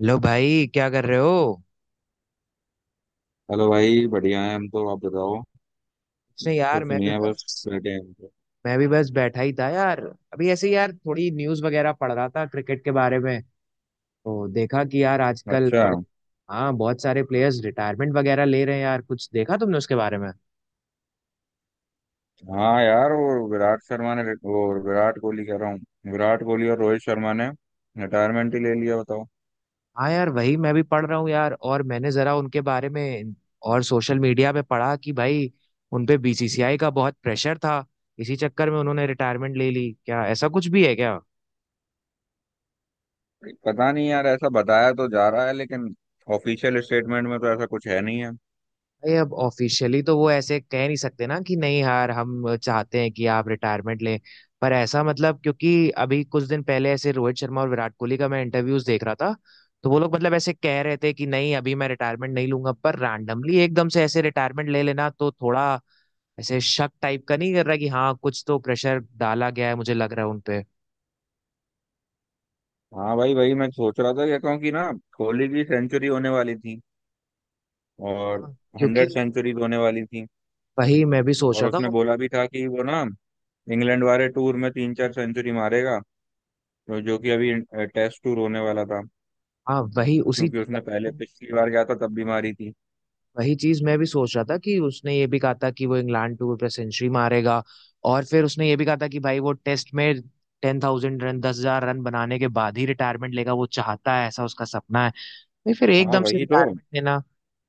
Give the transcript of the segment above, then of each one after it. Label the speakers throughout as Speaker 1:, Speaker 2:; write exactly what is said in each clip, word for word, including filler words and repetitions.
Speaker 1: Hello भाई, क्या कर रहे हो।
Speaker 2: हेलो भाई, बढ़िया है, हम तो आप बताओ।
Speaker 1: कुछ नहीं
Speaker 2: तो
Speaker 1: यार, मैं भी
Speaker 2: सुनिए, बस
Speaker 1: बस
Speaker 2: बैठे हैं हम तो।
Speaker 1: मैं भी बस बैठा ही था यार। अभी ऐसे ही यार थोड़ी न्यूज़ वगैरह पढ़ रहा था क्रिकेट के बारे में। तो देखा कि यार आजकल
Speaker 2: अच्छा।
Speaker 1: बड़े हाँ बहुत सारे प्लेयर्स रिटायरमेंट वगैरह ले रहे हैं यार। कुछ देखा तुमने उसके बारे में?
Speaker 2: हाँ यार, वो विराट शर्मा ने वो, विराट कोहली कह रहा हूँ। विराट कोहली और रोहित शर्मा ने रिटायरमेंट ही ले लिया, बताओ।
Speaker 1: हाँ यार, वही मैं भी पढ़ रहा हूँ यार। और मैंने जरा उनके बारे में और सोशल मीडिया पे पढ़ा कि भाई उन पे बी सी सी आई का बहुत प्रेशर था। इसी चक्कर में उन्होंने रिटायरमेंट ले ली, क्या ऐसा कुछ भी है क्या?
Speaker 2: पता नहीं यार, ऐसा बताया तो जा रहा है, लेकिन ऑफिशियल स्टेटमेंट में तो ऐसा कुछ है नहीं है।
Speaker 1: भाई अब ऑफिशियली तो वो ऐसे कह नहीं सकते ना कि नहीं यार हम चाहते हैं कि आप रिटायरमेंट लें। पर ऐसा मतलब, क्योंकि अभी कुछ दिन पहले ऐसे रोहित शर्मा और विराट कोहली का मैं इंटरव्यूज देख रहा था। तो वो लोग मतलब ऐसे कह रहे थे कि नहीं अभी मैं रिटायरमेंट नहीं लूंगा, पर रैंडमली एकदम से ऐसे रिटायरमेंट ले लेना तो थोड़ा ऐसे शक टाइप का नहीं कर रहा कि हाँ कुछ तो प्रेशर डाला गया है मुझे लग रहा है उनपे।
Speaker 2: हाँ भाई, भाई मैं सोच रहा था क्या कहूँ कि क्योंकि ना, कोहली की सेंचुरी होने वाली थी। और
Speaker 1: हाँ, क्योंकि
Speaker 2: हंड्रेड सेंचुरीज होने वाली थी।
Speaker 1: वही मैं भी सोच
Speaker 2: और
Speaker 1: रहा था।
Speaker 2: उसने
Speaker 1: और
Speaker 2: बोला भी था कि वो ना इंग्लैंड वाले टूर में तीन चार सेंचुरी मारेगा, जो जो कि अभी टेस्ट टूर होने वाला था,
Speaker 1: हाँ वही उसी
Speaker 2: क्योंकि उसने पहले पिछली बार गया था तब बीमारी थी।
Speaker 1: वही चीज मैं भी सोच रहा था कि उसने ये भी कहा था कि वो इंग्लैंड टूर पे सेंचुरी मारेगा। और फिर उसने ये भी कहा था कि भाई वो टेस्ट में टेन थाउजेंड रन दस हजार रन बनाने के बाद ही रिटायरमेंट लेगा, वो चाहता है ऐसा उसका सपना है। भाई फिर
Speaker 2: हाँ
Speaker 1: एकदम से
Speaker 2: वही तो।
Speaker 1: रिटायरमेंट लेना।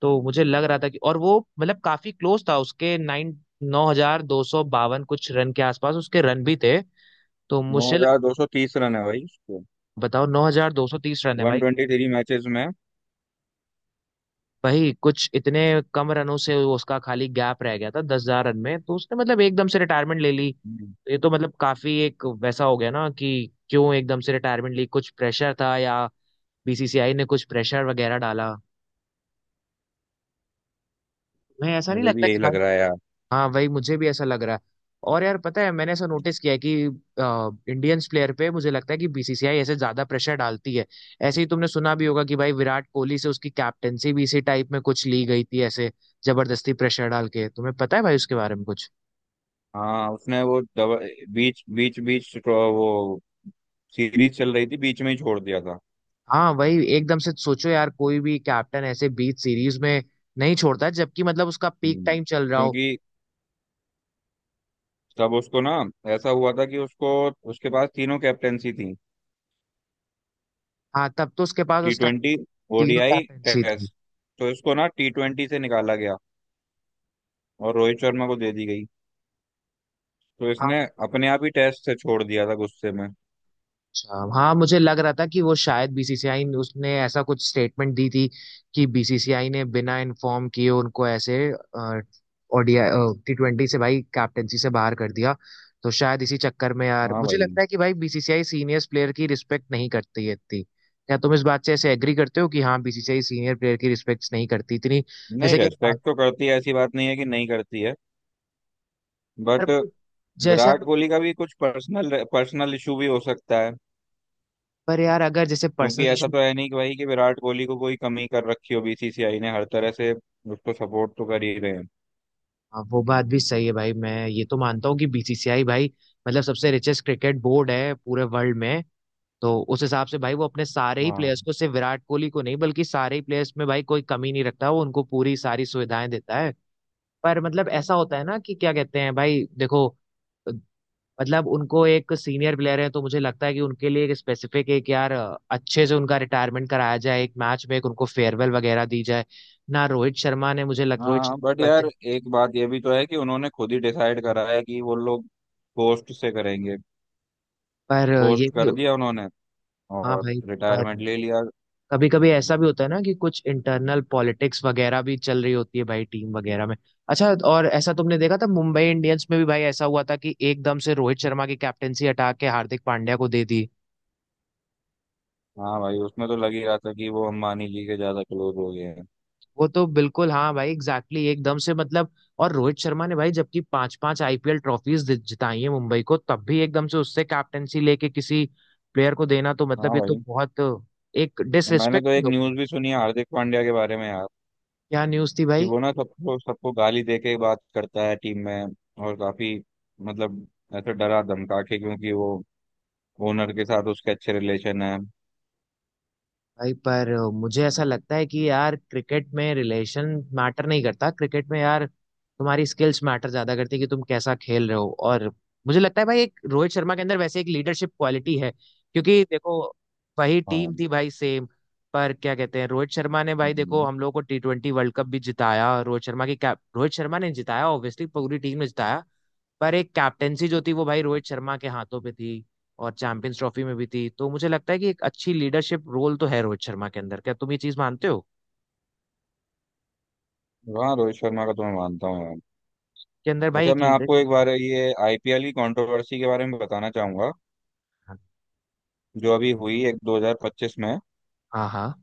Speaker 1: तो मुझे लग रहा था कि और वो मतलब काफी क्लोज था, उसके नाइन नौ हजार दो सौ बावन कुछ रन के आसपास उसके रन भी थे। तो
Speaker 2: नौ
Speaker 1: मुझे लग,
Speaker 2: हजार दो सौ तीस रन है भाई उसको,
Speaker 1: बताओ नौ हजार दो सौ तीस रन है
Speaker 2: वन
Speaker 1: भाई।
Speaker 2: ट्वेंटी थ्री मैचेस में।
Speaker 1: वही कुछ इतने कम रनों से वो उसका खाली गैप रह गया था दस हजार रन में, तो उसने मतलब एकदम से रिटायरमेंट ले ली।
Speaker 2: हम्म,
Speaker 1: ये तो मतलब काफी एक वैसा हो गया ना कि क्यों एकदम से रिटायरमेंट ली, कुछ प्रेशर था या बी सी सी आई ने कुछ प्रेशर वगैरह डाला। मैं ऐसा नहीं
Speaker 2: मुझे भी
Speaker 1: लगता कि
Speaker 2: यही लग
Speaker 1: भाई।
Speaker 2: रहा है यार।
Speaker 1: हाँ वही मुझे भी ऐसा लग रहा है। और यार पता है मैंने ऐसा नोटिस किया है कि इंडियंस प्लेयर पे मुझे लगता है कि बी सी सी आई ऐसे ज्यादा प्रेशर डालती है। ऐसे ही तुमने सुना भी होगा कि भाई विराट कोहली से उसकी कैप्टेंसी भी इसी टाइप में कुछ ली गई थी, ऐसे जबरदस्ती प्रेशर डाल के। तुम्हें पता है भाई उसके बारे में कुछ?
Speaker 2: हाँ, उसने वो दवा, बीच बीच बीच तो वो सीरीज चल रही थी, बीच में ही छोड़ दिया था।
Speaker 1: हाँ वही एकदम से सोचो यार, कोई भी कैप्टन ऐसे बीच सीरीज में नहीं छोड़ता है, जबकि मतलब उसका पीक
Speaker 2: हम्म,
Speaker 1: टाइम चल रहा हो।
Speaker 2: क्योंकि तब उसको ना ऐसा हुआ था कि उसको उसके पास तीनों कैप्टेंसी थी।
Speaker 1: हाँ तब तो उसके पास
Speaker 2: टी
Speaker 1: उस टाइम
Speaker 2: ट्वेंटी
Speaker 1: तीनों
Speaker 2: ओ डी आई,
Speaker 1: कैप्टेंसी थी।
Speaker 2: टेस्ट। तो इसको ना टी ट्वेंटी से निकाला गया और रोहित शर्मा को दे दी गई। तो
Speaker 1: हाँ।
Speaker 2: इसने अपने आप ही टेस्ट से छोड़ दिया था गुस्से में।
Speaker 1: अच्छा हाँ, मुझे लग रहा था कि वो शायद बी सी सी आई ने, उसने ऐसा कुछ स्टेटमेंट दी थी कि बीसीसीआई ने बिना इन्फॉर्म किए उनको ऐसे O D I T twenty से भाई कैप्टेंसी से बाहर कर दिया। तो शायद इसी चक्कर में यार
Speaker 2: हाँ
Speaker 1: मुझे
Speaker 2: भाई।
Speaker 1: लगता है कि भाई बी सी सी आई सीनियर्स प्लेयर की रिस्पेक्ट नहीं करती है इतनी। क्या तुम इस बात से ऐसे एग्री करते हो कि हाँ B C C I senior player की रिस्पेक्ट नहीं करती इतनी?
Speaker 2: नहीं,
Speaker 1: जैसे कि हम
Speaker 2: रेस्पेक्ट
Speaker 1: बात,
Speaker 2: तो करती है, ऐसी बात नहीं है कि नहीं करती है।
Speaker 1: पर
Speaker 2: बट
Speaker 1: भाई जैसे
Speaker 2: विराट
Speaker 1: हम,
Speaker 2: कोहली का भी कुछ पर्सनल पर्सनल इशू भी हो सकता है,
Speaker 1: पर यार अगर जैसे
Speaker 2: क्योंकि
Speaker 1: पर्सनल
Speaker 2: ऐसा
Speaker 1: इशू।
Speaker 2: तो है नहीं कि भाई कि विराट कोहली को कोई कमी कर रखी हो। बी सी सी आई ने हर तरह से उसको सपोर्ट तो कर ही रहे हैं।
Speaker 1: हाँ वो बात भी सही है भाई, मैं ये तो मानता हूँ कि बी सी सी आई भाई मतलब सबसे रिचेस्ट क्रिकेट बोर्ड है पूरे वर्ल्ड में। तो उस हिसाब से भाई वो अपने सारे ही
Speaker 2: हाँ।
Speaker 1: प्लेयर्स को, सिर्फ विराट कोहली को नहीं बल्कि सारे ही प्लेयर्स में भाई कोई कमी नहीं रखता, वो उनको पूरी सारी सुविधाएं देता है। पर मतलब ऐसा होता है ना कि क्या कहते हैं भाई देखो, मतलब उनको एक सीनियर प्लेयर है तो मुझे लगता है कि उनके लिए एक स्पेसिफिक एक यार अच्छे से उनका रिटायरमेंट कराया जाए, एक मैच में एक उनको फेयरवेल वगैरल वगैरह दी जाए ना। रोहित शर्मा ने मुझे लग, रोहित
Speaker 2: हाँ
Speaker 1: शर्मा
Speaker 2: बट
Speaker 1: को ऐसे,
Speaker 2: यार, एक बात ये भी तो है कि उन्होंने खुद ही डिसाइड करा है कि वो लोग पोस्ट से करेंगे।
Speaker 1: पर ये
Speaker 2: पोस्ट
Speaker 1: भी,
Speaker 2: कर दिया उन्होंने
Speaker 1: हाँ
Speaker 2: और
Speaker 1: भाई। पर
Speaker 2: रिटायरमेंट ले लिया।
Speaker 1: कभी कभी ऐसा भी होता है ना कि कुछ इंटरनल पॉलिटिक्स वगैरह भी चल रही होती है भाई टीम वगैरह में। अच्छा, और ऐसा तुमने देखा था मुंबई इंडियंस में भी भाई, ऐसा हुआ था कि एकदम से रोहित शर्मा की कैप्टेंसी हटा के हार्दिक पांड्या को दे दी।
Speaker 2: हाँ भाई, उसमें तो लग ही रहा था कि वो अंबानी जी के ज्यादा क्लोज हो गए हैं।
Speaker 1: वो तो बिल्कुल हाँ भाई, एग्जैक्टली exactly, एकदम से मतलब। और रोहित शर्मा ने भाई जबकि पांच पांच आई पी एल ट्रॉफीज जिताई है मुंबई को, तब भी एकदम से उससे कैप्टेंसी लेके किसी प्लेयर को देना तो मतलब
Speaker 2: हाँ
Speaker 1: ये तो
Speaker 2: भाई।
Speaker 1: बहुत एक
Speaker 2: मैंने
Speaker 1: डिसरिस्पेक्ट
Speaker 2: तो
Speaker 1: भी
Speaker 2: एक
Speaker 1: हो गई।
Speaker 2: न्यूज भी सुनी है हार्दिक पांड्या के बारे में यार,
Speaker 1: क्या न्यूज थी
Speaker 2: कि
Speaker 1: भाई?
Speaker 2: वो ना सबको सबको गाली दे के बात करता है टीम में। और काफी, मतलब ऐसे डरा धमका के, क्योंकि वो ओनर के साथ उसके अच्छे रिलेशन है।
Speaker 1: भाई पर मुझे ऐसा लगता है कि यार क्रिकेट में रिलेशन मैटर नहीं करता, क्रिकेट में यार तुम्हारी स्किल्स मैटर ज्यादा करती है कि तुम कैसा खेल रहे हो। और मुझे लगता है भाई एक रोहित शर्मा के अंदर वैसे एक लीडरशिप क्वालिटी है, क्योंकि देखो वही टीम
Speaker 2: हाँ।
Speaker 1: थी भाई सेम। पर क्या कहते हैं, रोहित शर्मा ने भाई देखो
Speaker 2: हम्म।
Speaker 1: हम लोग को टी ट्वेंटी वर्ल्ड कप भी जिताया, रोहित शर्मा की cap- रोहित शर्मा ने जिताया, ऑब्वियसली पूरी टीम ने जिताया। पर एक कैप्टेंसी जो थी वो भाई रोहित शर्मा के हाथों पे थी और चैंपियंस ट्रॉफी में भी थी। तो मुझे लगता है कि एक अच्छी लीडरशिप रोल तो है रोहित शर्मा के अंदर, क्या तुम ये चीज मानते हो?
Speaker 2: हाँ, रोहित शर्मा का तो मैं मानता हूँ यार।
Speaker 1: के अंदर भाई
Speaker 2: अच्छा,
Speaker 1: एक
Speaker 2: मैं
Speaker 1: लीडर।
Speaker 2: आपको एक बार ये आई पी एल की कंट्रोवर्सी के बारे में बताना चाहूंगा जो अभी हुई एक दो हज़ार पच्चीस में।
Speaker 1: हाँ हाँ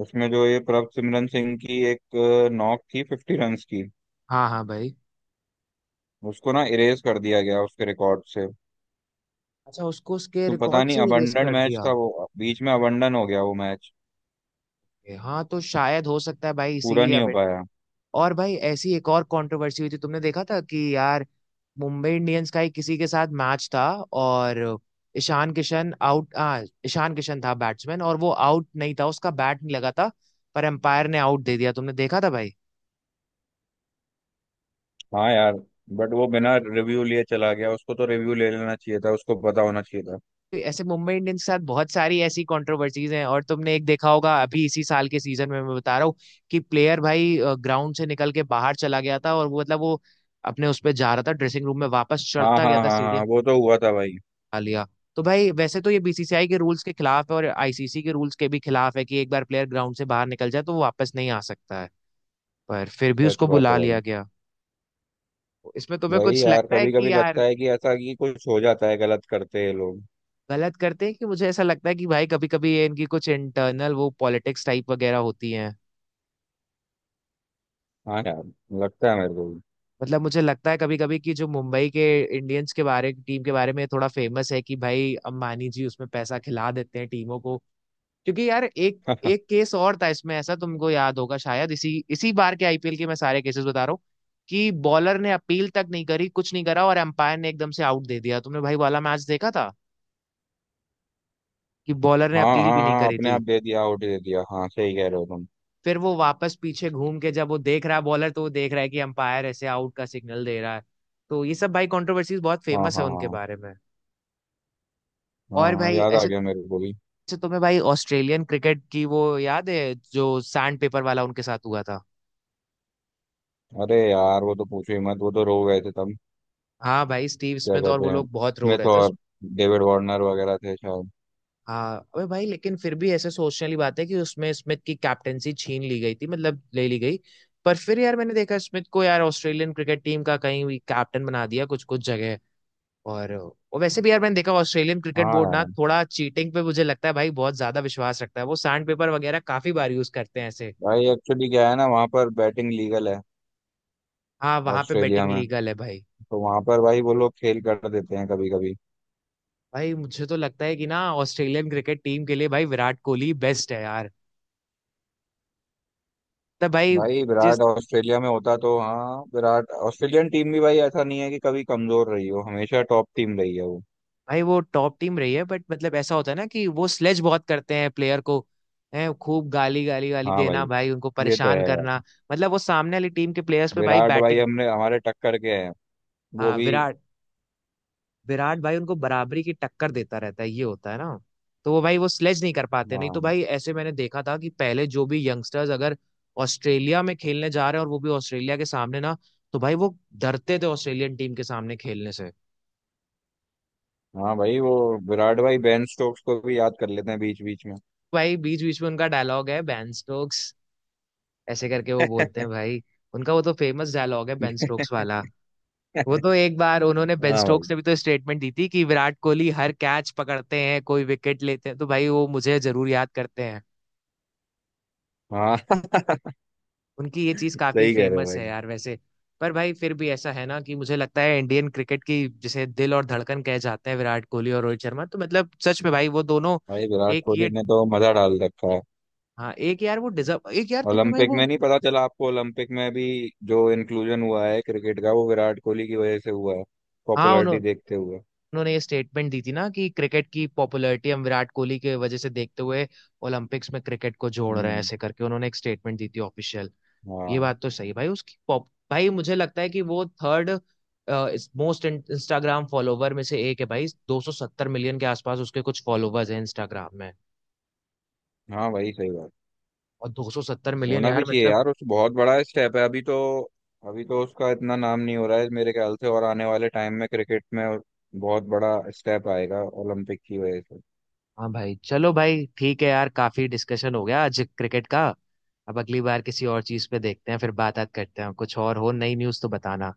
Speaker 2: उसमें जो ये प्रभसिमरन सिंह की एक अ, नॉक थी फिफ्टी रन की,
Speaker 1: हाँ हाँ भाई।
Speaker 2: उसको ना इरेज कर दिया गया उसके रिकॉर्ड से।
Speaker 1: अच्छा, उसको उसके
Speaker 2: तो पता
Speaker 1: रिकॉर्ड
Speaker 2: नहीं,
Speaker 1: से ही रेस
Speaker 2: अबंडन
Speaker 1: कर
Speaker 2: मैच
Speaker 1: दिया?
Speaker 2: था वो, बीच में अबंडन हो गया वो मैच,
Speaker 1: हाँ तो शायद हो सकता है भाई
Speaker 2: पूरा
Speaker 1: इसीलिए
Speaker 2: नहीं हो
Speaker 1: अब।
Speaker 2: पाया।
Speaker 1: और भाई ऐसी एक और कंट्रोवर्सी हुई थी, तुमने देखा था कि यार मुंबई इंडियंस का ही किसी के साथ मैच था। और ईशान किशन आउट, हाँ ईशान किशन था बैट्समैन और वो आउट नहीं था, उसका बैट नहीं लगा था। पर एम्पायर ने आउट दे दिया, तुमने देखा था भाई?
Speaker 2: हाँ यार, बट वो बिना रिव्यू लिए चला गया, उसको तो रिव्यू ले लेना चाहिए था, उसको पता होना चाहिए था।
Speaker 1: तो ऐसे मुंबई इंडियंस के साथ बहुत सारी ऐसी कंट्रोवर्सीज हैं। और तुमने एक देखा होगा अभी इसी साल के सीजन में, मैं बता रहा हूँ कि प्लेयर भाई ग्राउंड से निकल के बाहर चला गया था। और वो मतलब वो अपने उस पे जा रहा था ड्रेसिंग रूम में, वापस
Speaker 2: हाँ
Speaker 1: चढ़ता
Speaker 2: हाँ
Speaker 1: गया था
Speaker 2: हाँ
Speaker 1: सीढ़ी।
Speaker 2: हाँ, वो तो हुआ था भाई।
Speaker 1: आ लिया। तो भाई वैसे तो ये बी सी सी आई के रूल्स के खिलाफ है और आई सी सी के रूल्स के भी खिलाफ है कि एक बार प्लेयर ग्राउंड से बाहर निकल जाए तो वो वापस नहीं आ सकता है। पर फिर भी
Speaker 2: सच
Speaker 1: उसको
Speaker 2: बात
Speaker 1: बुला
Speaker 2: है भाई।
Speaker 1: लिया गया। इसमें तुम्हें
Speaker 2: वही
Speaker 1: कुछ
Speaker 2: यार,
Speaker 1: लगता है
Speaker 2: कभी
Speaker 1: कि
Speaker 2: कभी लगता
Speaker 1: यार?
Speaker 2: है कि ऐसा कि कुछ हो जाता है, गलत करते हैं लोग।
Speaker 1: गलत करते हैं कि मुझे ऐसा लगता है कि भाई कभी कभी ये इनकी कुछ इंटरनल वो पॉलिटिक्स टाइप वगैरह होती है।
Speaker 2: हाँ यार, लगता है मेरे को भी।
Speaker 1: मतलब मुझे लगता है कभी कभी कि जो मुंबई के इंडियंस के बारे टीम के बारे में थोड़ा फेमस है कि भाई अंबानी जी उसमें पैसा खिला देते हैं टीमों को। क्योंकि यार एक, एक केस और था इसमें ऐसा तुमको याद होगा शायद इसी इसी बार के आई पी एल के, मैं सारे केसेस बता रहा हूँ कि बॉलर ने अपील तक नहीं करी कुछ नहीं करा और एम्पायर ने एकदम से आउट दे दिया। तुमने भाई वाला मैच देखा था कि बॉलर ने
Speaker 2: हाँ
Speaker 1: अपील
Speaker 2: हाँ
Speaker 1: भी नहीं
Speaker 2: हाँ,
Speaker 1: करी
Speaker 2: अपने
Speaker 1: थी?
Speaker 2: आप दे दिया, आउट दे दिया। हाँ, सही कह रहे हो तुम।
Speaker 1: फिर वो वापस पीछे घूम के जब वो देख रहा है बॉलर, तो वो देख रहा है कि एम्पायर ऐसे आउट का सिग्नल दे रहा है। तो ये सब भाई कंट्रोवर्सीज बहुत
Speaker 2: हाँ
Speaker 1: फेमस है
Speaker 2: हाँ
Speaker 1: उनके
Speaker 2: हाँ
Speaker 1: बारे में।
Speaker 2: हाँ
Speaker 1: और
Speaker 2: हाँ,
Speaker 1: भाई
Speaker 2: याद आ
Speaker 1: ऐसे,
Speaker 2: गया मेरे को भी।
Speaker 1: ऐसे तुम्हें भाई ऑस्ट्रेलियन क्रिकेट की वो याद है जो सैंड पेपर वाला उनके साथ हुआ था?
Speaker 2: अरे यार, वो तो पूछो ही मत, वो तो रो गए थे तब।
Speaker 1: हाँ भाई, स्टीव
Speaker 2: क्या
Speaker 1: स्मिथ और वो
Speaker 2: कहते हैं,
Speaker 1: लोग बहुत रो
Speaker 2: स्मिथ
Speaker 1: रहे थे उस-
Speaker 2: और डेविड वार्नर वगैरह थे शायद।
Speaker 1: हाँ। अबे भाई लेकिन फिर भी ऐसे सोचने वाली बात है कि उसमें स्मिथ की कैप्टेंसी छीन ली गई थी, मतलब ले ली गई। पर फिर यार मैंने देखा स्मिथ को यार ऑस्ट्रेलियन क्रिकेट टीम का कहीं भी कैप्टन बना दिया कुछ कुछ जगह। और और वैसे भी यार मैंने देखा ऑस्ट्रेलियन क्रिकेट
Speaker 2: हाँ
Speaker 1: बोर्ड ना
Speaker 2: यार।
Speaker 1: थोड़ा चीटिंग पे मुझे लगता है भाई बहुत ज्यादा विश्वास रखता है, वो सैंड पेपर वगैरह काफी बार यूज करते हैं ऐसे।
Speaker 2: भाई एक्चुअली क्या है ना, वहाँ पर बैटिंग लीगल है,
Speaker 1: हाँ वहां पे
Speaker 2: ऑस्ट्रेलिया
Speaker 1: बेटिंग
Speaker 2: में।
Speaker 1: लीगल है भाई।
Speaker 2: तो वहाँ पर भाई वो लोग खेल कर देते हैं कभी कभी।
Speaker 1: भाई मुझे तो लगता है कि ना ऑस्ट्रेलियन क्रिकेट टीम के लिए भाई विराट कोहली बेस्ट है यार। तब भाई,
Speaker 2: भाई
Speaker 1: जिस,
Speaker 2: विराट ऑस्ट्रेलिया में होता तो, हाँ विराट, ऑस्ट्रेलियन टीम भी भाई ऐसा नहीं है कि कभी कमजोर रही हो, हमेशा टॉप टीम रही है वो।
Speaker 1: भाई वो टॉप टीम रही है बट मतलब ऐसा होता है ना कि वो स्लेज बहुत करते हैं प्लेयर को, है खूब गाली गाली गाली
Speaker 2: हाँ भाई,
Speaker 1: देना भाई, उनको
Speaker 2: ये तो
Speaker 1: परेशान
Speaker 2: है
Speaker 1: करना।
Speaker 2: यार।
Speaker 1: मतलब वो सामने वाली टीम के प्लेयर्स पे भाई
Speaker 2: विराट भाई
Speaker 1: बैटिंग,
Speaker 2: हमने हमारे टक्कर के हैं, वो
Speaker 1: हाँ
Speaker 2: भी।
Speaker 1: विराट, विराट भाई उनको बराबरी की टक्कर देता रहता है, ये होता है ना। तो वो भाई वो स्लेज नहीं कर पाते, नहीं तो
Speaker 2: हाँ
Speaker 1: भाई ऐसे मैंने देखा था कि पहले जो भी यंगस्टर्स अगर ऑस्ट्रेलिया में खेलने जा रहे हैं और वो भी ऑस्ट्रेलिया के सामने ना, तो भाई वो डरते थे ऑस्ट्रेलियन टीम के सामने खेलने से।
Speaker 2: हाँ भाई वो, विराट भाई बेन स्टोक्स को भी याद कर लेते हैं बीच बीच में।
Speaker 1: भाई बीच बीच में उनका डायलॉग है बैन स्टोक्स, ऐसे करके वो बोलते हैं भाई। उनका वो तो फेमस डायलॉग है बेन स्टोक्स वाला।
Speaker 2: हाँ
Speaker 1: वो तो एक बार उन्होंने बेन
Speaker 2: भाई।
Speaker 1: स्टोक्स ने भी तो स्टेटमेंट दी थी कि विराट कोहली हर कैच पकड़ते हैं कोई विकेट लेते हैं तो भाई वो मुझे जरूर याद करते हैं।
Speaker 2: हाँ।
Speaker 1: उनकी ये चीज काफी
Speaker 2: सही कह रहे हो
Speaker 1: फेमस है
Speaker 2: भाई।
Speaker 1: यार वैसे। पर भाई फिर भी ऐसा है ना कि मुझे लगता है इंडियन क्रिकेट की जिसे दिल और धड़कन कहे जाते हैं विराट कोहली और रोहित शर्मा, तो मतलब सच में भाई वो दोनों,
Speaker 2: भाई विराट
Speaker 1: एक
Speaker 2: कोहली
Speaker 1: ये,
Speaker 2: ने तो मजा डाल रखा है।
Speaker 1: हाँ एक यार वो डिजर्व, एक यार तुमने भाई
Speaker 2: ओलंपिक
Speaker 1: वो,
Speaker 2: में नहीं पता चला आपको? ओलंपिक में भी जो इंक्लूजन हुआ है क्रिकेट का, वो विराट कोहली की वजह से हुआ है,
Speaker 1: हाँ
Speaker 2: पॉपुलैरिटी
Speaker 1: उन्होंने।
Speaker 2: देखते हुए।
Speaker 1: उन्होंने ये स्टेटमेंट दी थी ना कि क्रिकेट की पॉपुलैरिटी हम विराट कोहली के वजह से देखते हुए ओलंपिक्स में क्रिकेट को जोड़ रहे हैं,
Speaker 2: हम्म।
Speaker 1: ऐसे करके उन्होंने एक स्टेटमेंट दी थी ऑफिशियल। ये
Speaker 2: हाँ।
Speaker 1: बात तो सही है भाई उसकी पॉप, भाई मुझे लगता है कि वो थर्ड मोस्ट इंस्टाग्राम फॉलोवर में से एक है भाई। दो सौ सत्तर मिलियन के आसपास उसके कुछ फॉलोवर्स हैं इंस्टाग्राम में।
Speaker 2: हाँ भाई, सही बात।
Speaker 1: और दो सौ सत्तर मिलियन
Speaker 2: होना भी
Speaker 1: यार
Speaker 2: चाहिए
Speaker 1: मतलब।
Speaker 2: यार, उस बहुत बड़ा स्टेप है अभी तो। अभी तो उसका इतना नाम नहीं हो रहा है मेरे ख्याल से, और आने वाले टाइम में क्रिकेट में बहुत बड़ा स्टेप आएगा ओलंपिक की वजह से।
Speaker 1: हाँ भाई चलो भाई ठीक है यार, काफी डिस्कशन हो गया आज क्रिकेट का। अब अगली बार किसी और चीज पे देखते हैं, फिर बात बात करते हैं। कुछ और हो नई न्यूज़ तो बताना।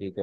Speaker 2: ठीक है।